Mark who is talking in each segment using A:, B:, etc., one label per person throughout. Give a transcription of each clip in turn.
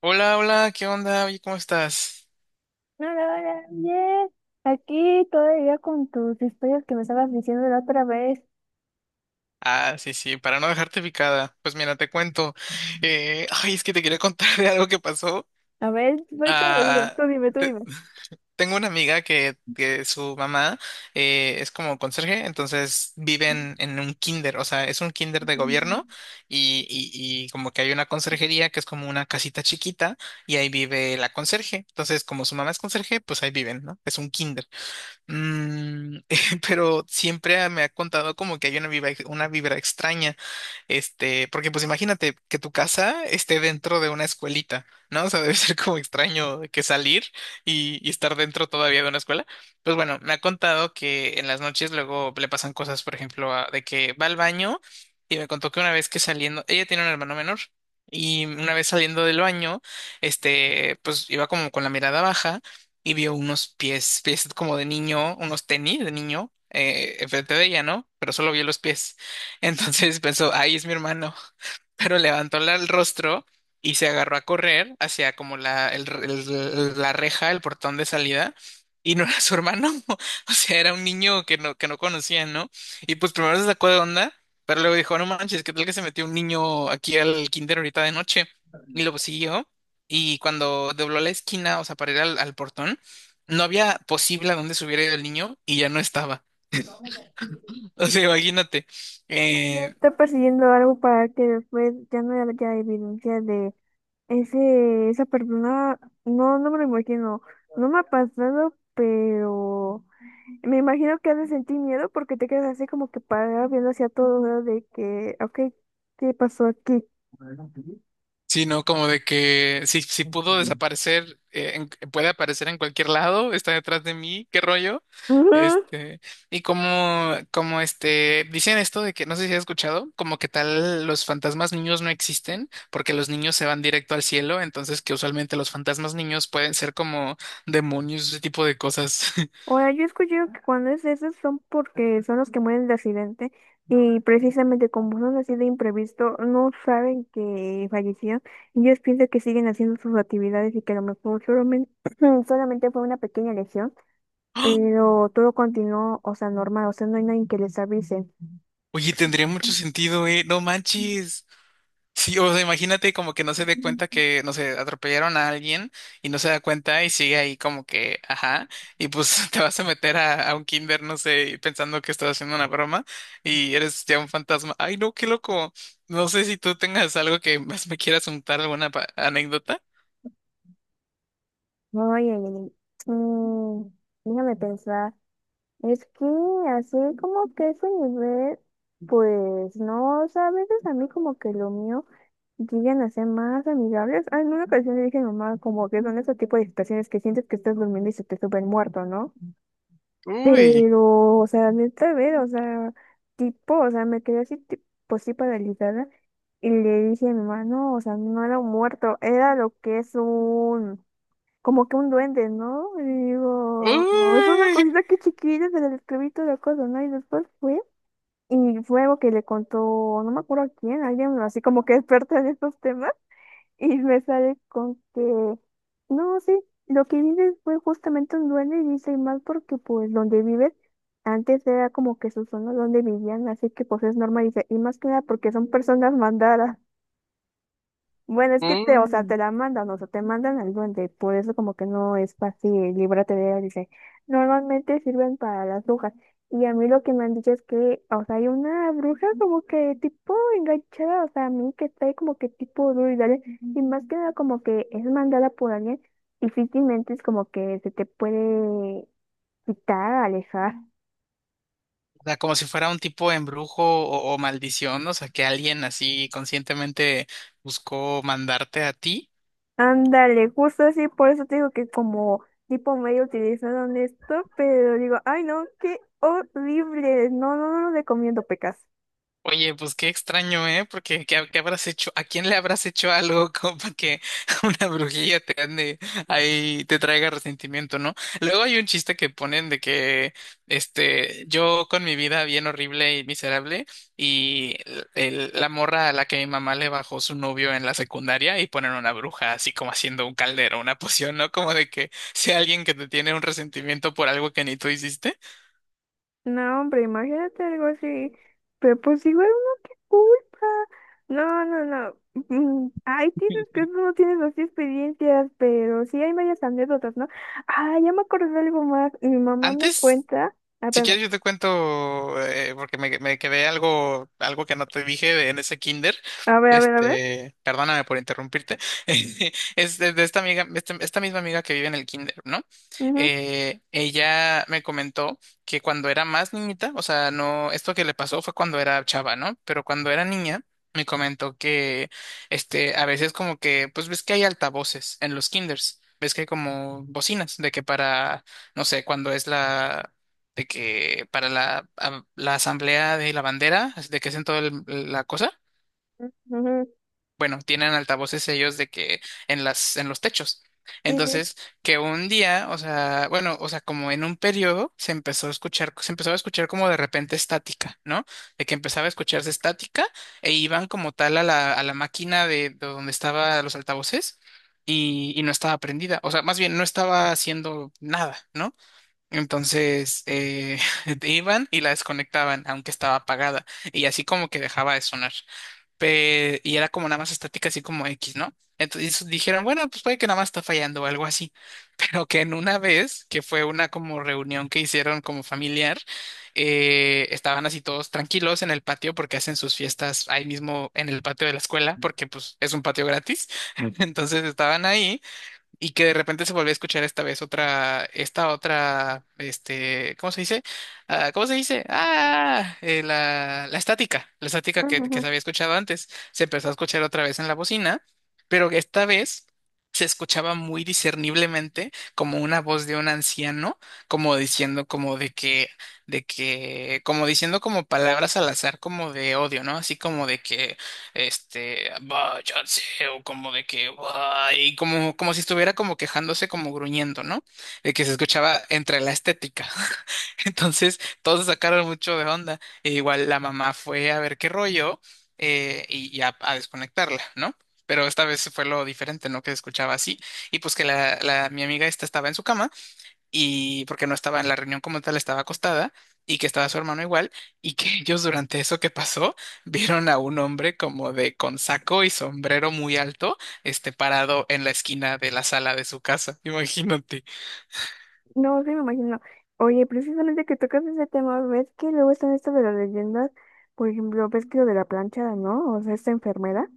A: Hola, hola, ¿qué onda? Oye, ¿cómo estás?
B: Hola, hola, bien. Aquí todavía con tus historias que me estabas diciendo la otra vez.
A: Ah, sí, sí, para no dejarte picada. Pues mira, te cuento. Ay, es que te quería contar de algo que pasó.
B: A ver, soy todo oído.
A: Ah,
B: Tú dime, tú
A: te-
B: dime.
A: tengo una amiga que su mamá es como conserje, entonces viven en un kinder, o sea, es un kinder de gobierno y como que hay una conserjería que es como una casita chiquita y ahí vive la conserje. Entonces, como su mamá es conserje, pues ahí viven, ¿no? Es un kinder. Mm, pero siempre me ha contado como que hay una vibra extraña, porque pues imagínate que tu casa esté dentro de una escuelita, ¿no? O sea, debe ser como extraño que salir y estar dentro todavía de una escuela. Pues bueno, me ha contado que en las noches luego le pasan cosas, por ejemplo, de que va al baño y me contó que una vez que saliendo, ella tiene un hermano menor. Y una vez saliendo del baño, pues iba como con la mirada baja y vio unos pies, pies como de niño, unos tenis de niño, enfrente de ella, ¿no? Pero solo vio los pies. Entonces pensó, ahí es mi hermano. Pero levantó el rostro y se agarró a correr hacia como la, la reja, el portón de salida. Y no era su hermano, o sea, era un niño que no conocía, ¿no? Y pues primero se sacó de onda, pero luego dijo, no manches, ¿qué tal que se metió un niño aquí al kinder ahorita de noche? Y lo siguió y cuando dobló la esquina, o sea, para ir al, al portón, no había posible a dónde se hubiera ido el niño y ya no estaba. O sea, imagínate.
B: Me
A: Eh,
B: está persiguiendo algo para que después ya no haya evidencia de ese, esa persona. No, no me lo imagino. No me ha pasado, pero me imagino que has de sentir miedo porque te quedas así como que parado viendo hacia todos lados de que, ok, ¿qué pasó aquí?
A: sino como de que si pudo desaparecer, puede aparecer en cualquier lado, está detrás de mí, qué rollo.
B: Ujú.
A: Este, y como, dicen esto de que, no sé si has escuchado, como que tal los fantasmas niños no existen porque los niños se van directo al cielo, entonces que usualmente los fantasmas niños pueden ser como demonios, ese tipo de cosas.
B: Ahora, yo he escuchado que cuando es esos son porque son los que mueren de accidente y precisamente como son así de imprevisto, no saben que fallecieron y ellos piensan que siguen haciendo sus actividades y que a lo mejor solamente, solamente fue una pequeña lesión,
A: ¡Ah!
B: pero todo continuó, o sea, normal, o sea, no hay nadie que les avise.
A: Oye, tendría mucho sentido, ¿eh? No manches. Sí, o sea, imagínate como que no se dé cuenta que, no sé, atropellaron a alguien y no se da cuenta y sigue ahí como que, ajá, y pues te vas a meter a un kinder, no sé, y pensando que estás haciendo una broma y eres ya un fantasma. Ay, no, qué loco. No sé si tú tengas algo que más me quieras contar, alguna anécdota.
B: Oye, déjame pensar, es que así como que ese nivel, pues no, o sea, a veces a mí como que lo mío. Llegan a ser más amigables. Ah, en una ocasión le dije a mi mamá como que son ese tipo de situaciones que sientes que estás durmiendo y se te sube el muerto, ¿no?
A: Uy,
B: Pero, o sea, neta, a ver, o sea, tipo, o sea, me quedé así, pues sí, paralizada. Y le dije a mi mamá, no, o sea, no era un muerto, era lo que es un, como que un duende, ¿no? Y digo, "Oh, es una
A: uy,
B: cosita que chiquita, se le escribí toda la cosa, ¿no?" Y después fue, y fue algo que le contó, no me acuerdo a quién, alguien así como que experta en estos temas. Y me sale con que, no, sí, lo que vives fue justamente un duende y dice y más porque pues donde vives, antes era como que su zona donde vivían, así que pues es normal, dice, y más que nada porque son personas mandadas. Bueno, es que te, o sea, te
A: uy.
B: la mandan, o sea, te mandan al duende, por eso como que no es fácil, líbrate de él, dice, normalmente sirven para las brujas. Y a mí lo que me han dicho es que, o sea, hay una bruja como que tipo enganchada, o sea, a mí que está ahí como que tipo duro y dale, y más que nada como que es mandada por alguien, difícilmente es como que se te puede quitar, alejar.
A: O sea, como si fuera un tipo de embrujo o maldición, o sea, que alguien así conscientemente buscó mandarte a ti.
B: Ándale, justo así, por eso te digo que como tipo medio utilizaron esto, pero digo, ay no, qué horrible, no, no, no lo recomiendo, pecas.
A: Oye, pues qué extraño, ¿eh? Porque ¿qué, qué habrás hecho? ¿A quién le habrás hecho algo como para que una brujilla te ande ahí, te traiga resentimiento, ¿no? Luego hay un chiste que ponen de que, yo con mi vida bien horrible y miserable y la morra a la que mi mamá le bajó su novio en la secundaria y ponen una bruja así como haciendo un caldero, una poción, ¿no? Como de que sea alguien que te tiene un resentimiento por algo que ni tú hiciste.
B: No, hombre, imagínate algo así. Pero pues igual uno qué culpa. No, no, no. Mm, hay dices que tú no tienes así experiencias, pero sí hay varias anécdotas, ¿no? Ah, ya me acordé de algo más. Mi mamá me
A: Antes
B: cuenta. Ah,
A: si
B: espérame.
A: quieres, yo te cuento, porque me quedé algo, algo que no te dije en ese kinder.
B: A ver, a ver, a ver.
A: Perdóname por interrumpirte. Es de esta amiga, esta misma amiga que vive en el kinder, ¿no?
B: Ujú,
A: Ella me comentó que cuando era más niñita, o sea, no, esto que le pasó fue cuando era chava, ¿no? Pero cuando era niña, me comentó que, a veces como que, pues ves que hay altavoces en los kinders. Ves que hay como bocinas, de que para, no sé, cuando es la de que para la, la asamblea de la bandera, de que hacen toda la cosa,
B: ujú,
A: bueno, tienen altavoces ellos de que en las, en los techos.
B: sí, sí.
A: Entonces, que un día, o sea, bueno, o sea, como en un periodo se empezó a escuchar, se empezó a escuchar como de repente estática, ¿no? De que empezaba a escucharse estática e iban como tal a la máquina de donde estaban los altavoces y no estaba prendida, o sea, más bien no estaba haciendo nada, ¿no? Entonces iban y la desconectaban, aunque estaba apagada, y así como que dejaba de sonar. Y era como nada más estática, así como X, ¿no? Entonces dijeron, bueno, pues puede que nada más está fallando o algo así. Pero que en una vez, que fue una como reunión que hicieron como familiar, estaban así todos tranquilos en el patio porque hacen sus fiestas ahí mismo en el patio de la escuela, porque pues es un patio gratis. Entonces estaban ahí y que de repente se volvió a escuchar esta vez otra, esta otra, ¿cómo se dice? Ah, ¿cómo se dice? La, la estática
B: Ujú, ujú.
A: que se había escuchado antes, se empezó a escuchar otra vez en la bocina, pero esta vez se escuchaba muy discerniblemente como una voz de un anciano, como diciendo como de que, como diciendo como palabras al azar, como de odio, ¿no? Así como de que váyanse, o como de que, "Bah", y como, como si estuviera como quejándose, como gruñendo, ¿no? De que se escuchaba entre la estética. Entonces, todos se sacaron mucho de onda. E igual la mamá fue a ver qué rollo, y, a desconectarla, ¿no? Pero esta vez fue lo diferente, ¿no? Que se escuchaba así. Y pues que la, mi amiga esta estaba en su cama y porque no estaba en la reunión como tal, estaba acostada y que estaba su hermano igual y que ellos durante eso que pasó vieron a un hombre como de con saco y sombrero muy alto, este parado en la esquina de la sala de su casa. Imagínate.
B: No, sí me imagino. Oye, precisamente que tocas ese tema, ves que luego están esto de las leyendas. Por ejemplo, ves que lo de la plancha, ¿no? O sea, esta enfermera.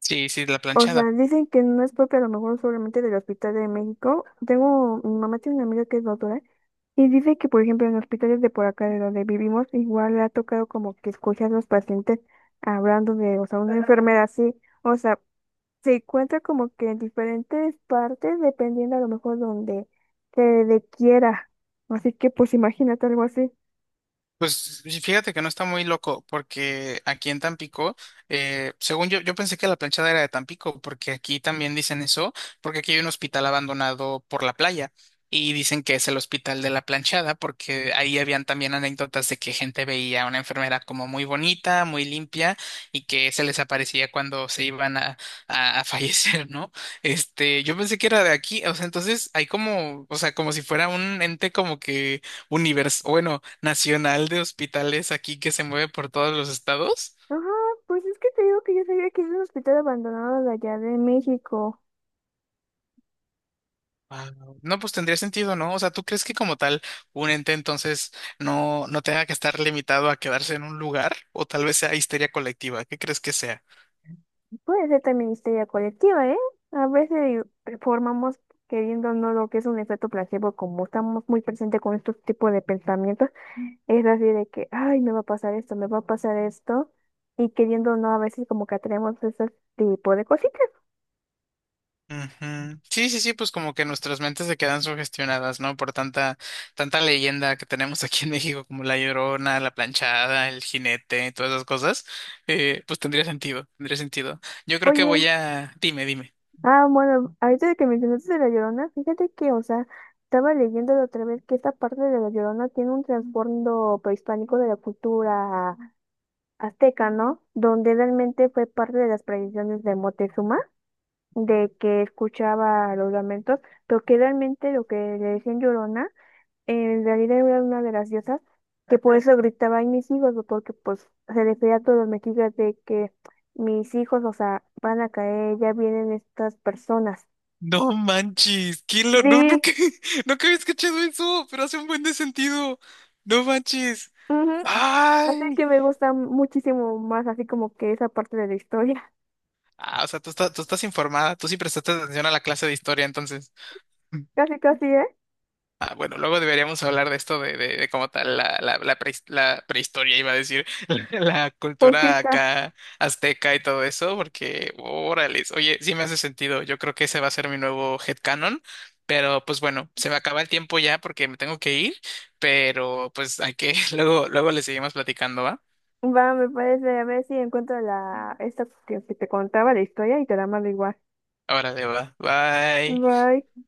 A: Sí, sí, la
B: O sea,
A: planchada.
B: dicen que no es propia a lo mejor solamente del Hospital de México. Tengo, mi mamá tiene una amiga que es doctora y dice que, por ejemplo, en hospitales de por acá de donde vivimos, igual le ha tocado como que escuchar a los pacientes hablando de, o sea, una enfermedad así. O sea, se encuentra como que en diferentes partes dependiendo a lo mejor donde se le quiera. Así que, pues, imagínate algo así.
A: Pues y fíjate que no está muy loco, porque aquí en Tampico, según yo, yo pensé que la planchada era de Tampico, porque aquí también dicen eso, porque aquí hay un hospital abandonado por la playa y dicen que es el hospital de la planchada, porque ahí habían también anécdotas de que gente veía a una enfermera como muy bonita, muy limpia y que se les aparecía cuando se iban a fallecer, ¿no? Yo pensé que era de aquí, o sea, entonces hay como, o sea, como si fuera un ente como que universo, bueno, nacional de hospitales aquí que se mueve por todos los estados.
B: Ajá, pues es que te digo que yo sabía que es un hospital abandonado de allá de México.
A: Wao. No, pues tendría sentido, ¿no? O sea, ¿tú crees que como tal un ente entonces no tenga que estar limitado a quedarse en un lugar? O tal vez sea histeria colectiva. ¿Qué crees que sea?
B: Puede ser también histeria colectiva, ¿eh? A veces formamos queriendo no lo que es un efecto placebo, como estamos muy presentes con estos tipos de pensamientos, es así de que, ay, me va a pasar esto, me va a pasar esto, y queriendo no a veces como que atraemos ese tipo de cositas.
A: Ujú. Sí, sí, sí, pues como que nuestras mentes se quedan sugestionadas, ¿no? Por tanta, tanta leyenda que tenemos aquí en México, como la Llorona, la Planchada, el Jinete, todas esas cosas, pues tendría sentido, tendría sentido. Yo creo que
B: Oye,
A: voy a... Dime, dime.
B: ah, bueno, ahorita de que mencionaste de La Llorona, fíjate que, o sea, estaba leyendo la otra vez que esta parte de La Llorona tiene un trasfondo prehispánico de la cultura azteca, ¿no? Donde realmente fue parte de las tradiciones de Moctezuma, de que escuchaba los lamentos, pero que realmente lo que le decían Llorona, en realidad era una de las diosas que por eso gritaba, ay, mis hijos, o porque pues se refería a todos los mexicas de que mis hijos, o sea, van a caer, ya vienen estas personas.
A: No manches, ¿quién lo... No, no,
B: Sí,
A: que, no que había escuchado eso, pero hace un buen de sentido. No manches.
B: ujú. Así
A: Ay.
B: que me gusta muchísimo más así como que esa parte de la historia.
A: Ah, o sea, tú estás informada, tú sí prestaste atención a la clase de historia, entonces.
B: Casi, casi, ¿eh?
A: Ah, bueno, luego deberíamos hablar de esto de cómo tal la, la, la, la prehistoria, iba a decir, la cultura
B: Conquista.
A: acá azteca y todo eso, porque órales, oye, sí me hace sentido, yo creo que ese va a ser mi nuevo headcanon, pero pues bueno, se me acaba el tiempo ya porque me tengo que ir, pero pues hay que, luego, luego le seguimos platicando, ¿va?
B: Va, me parece, a ver si encuentro la, esta que te contaba la historia y te la mando igual.
A: Ahora de va, bye.
B: Bye.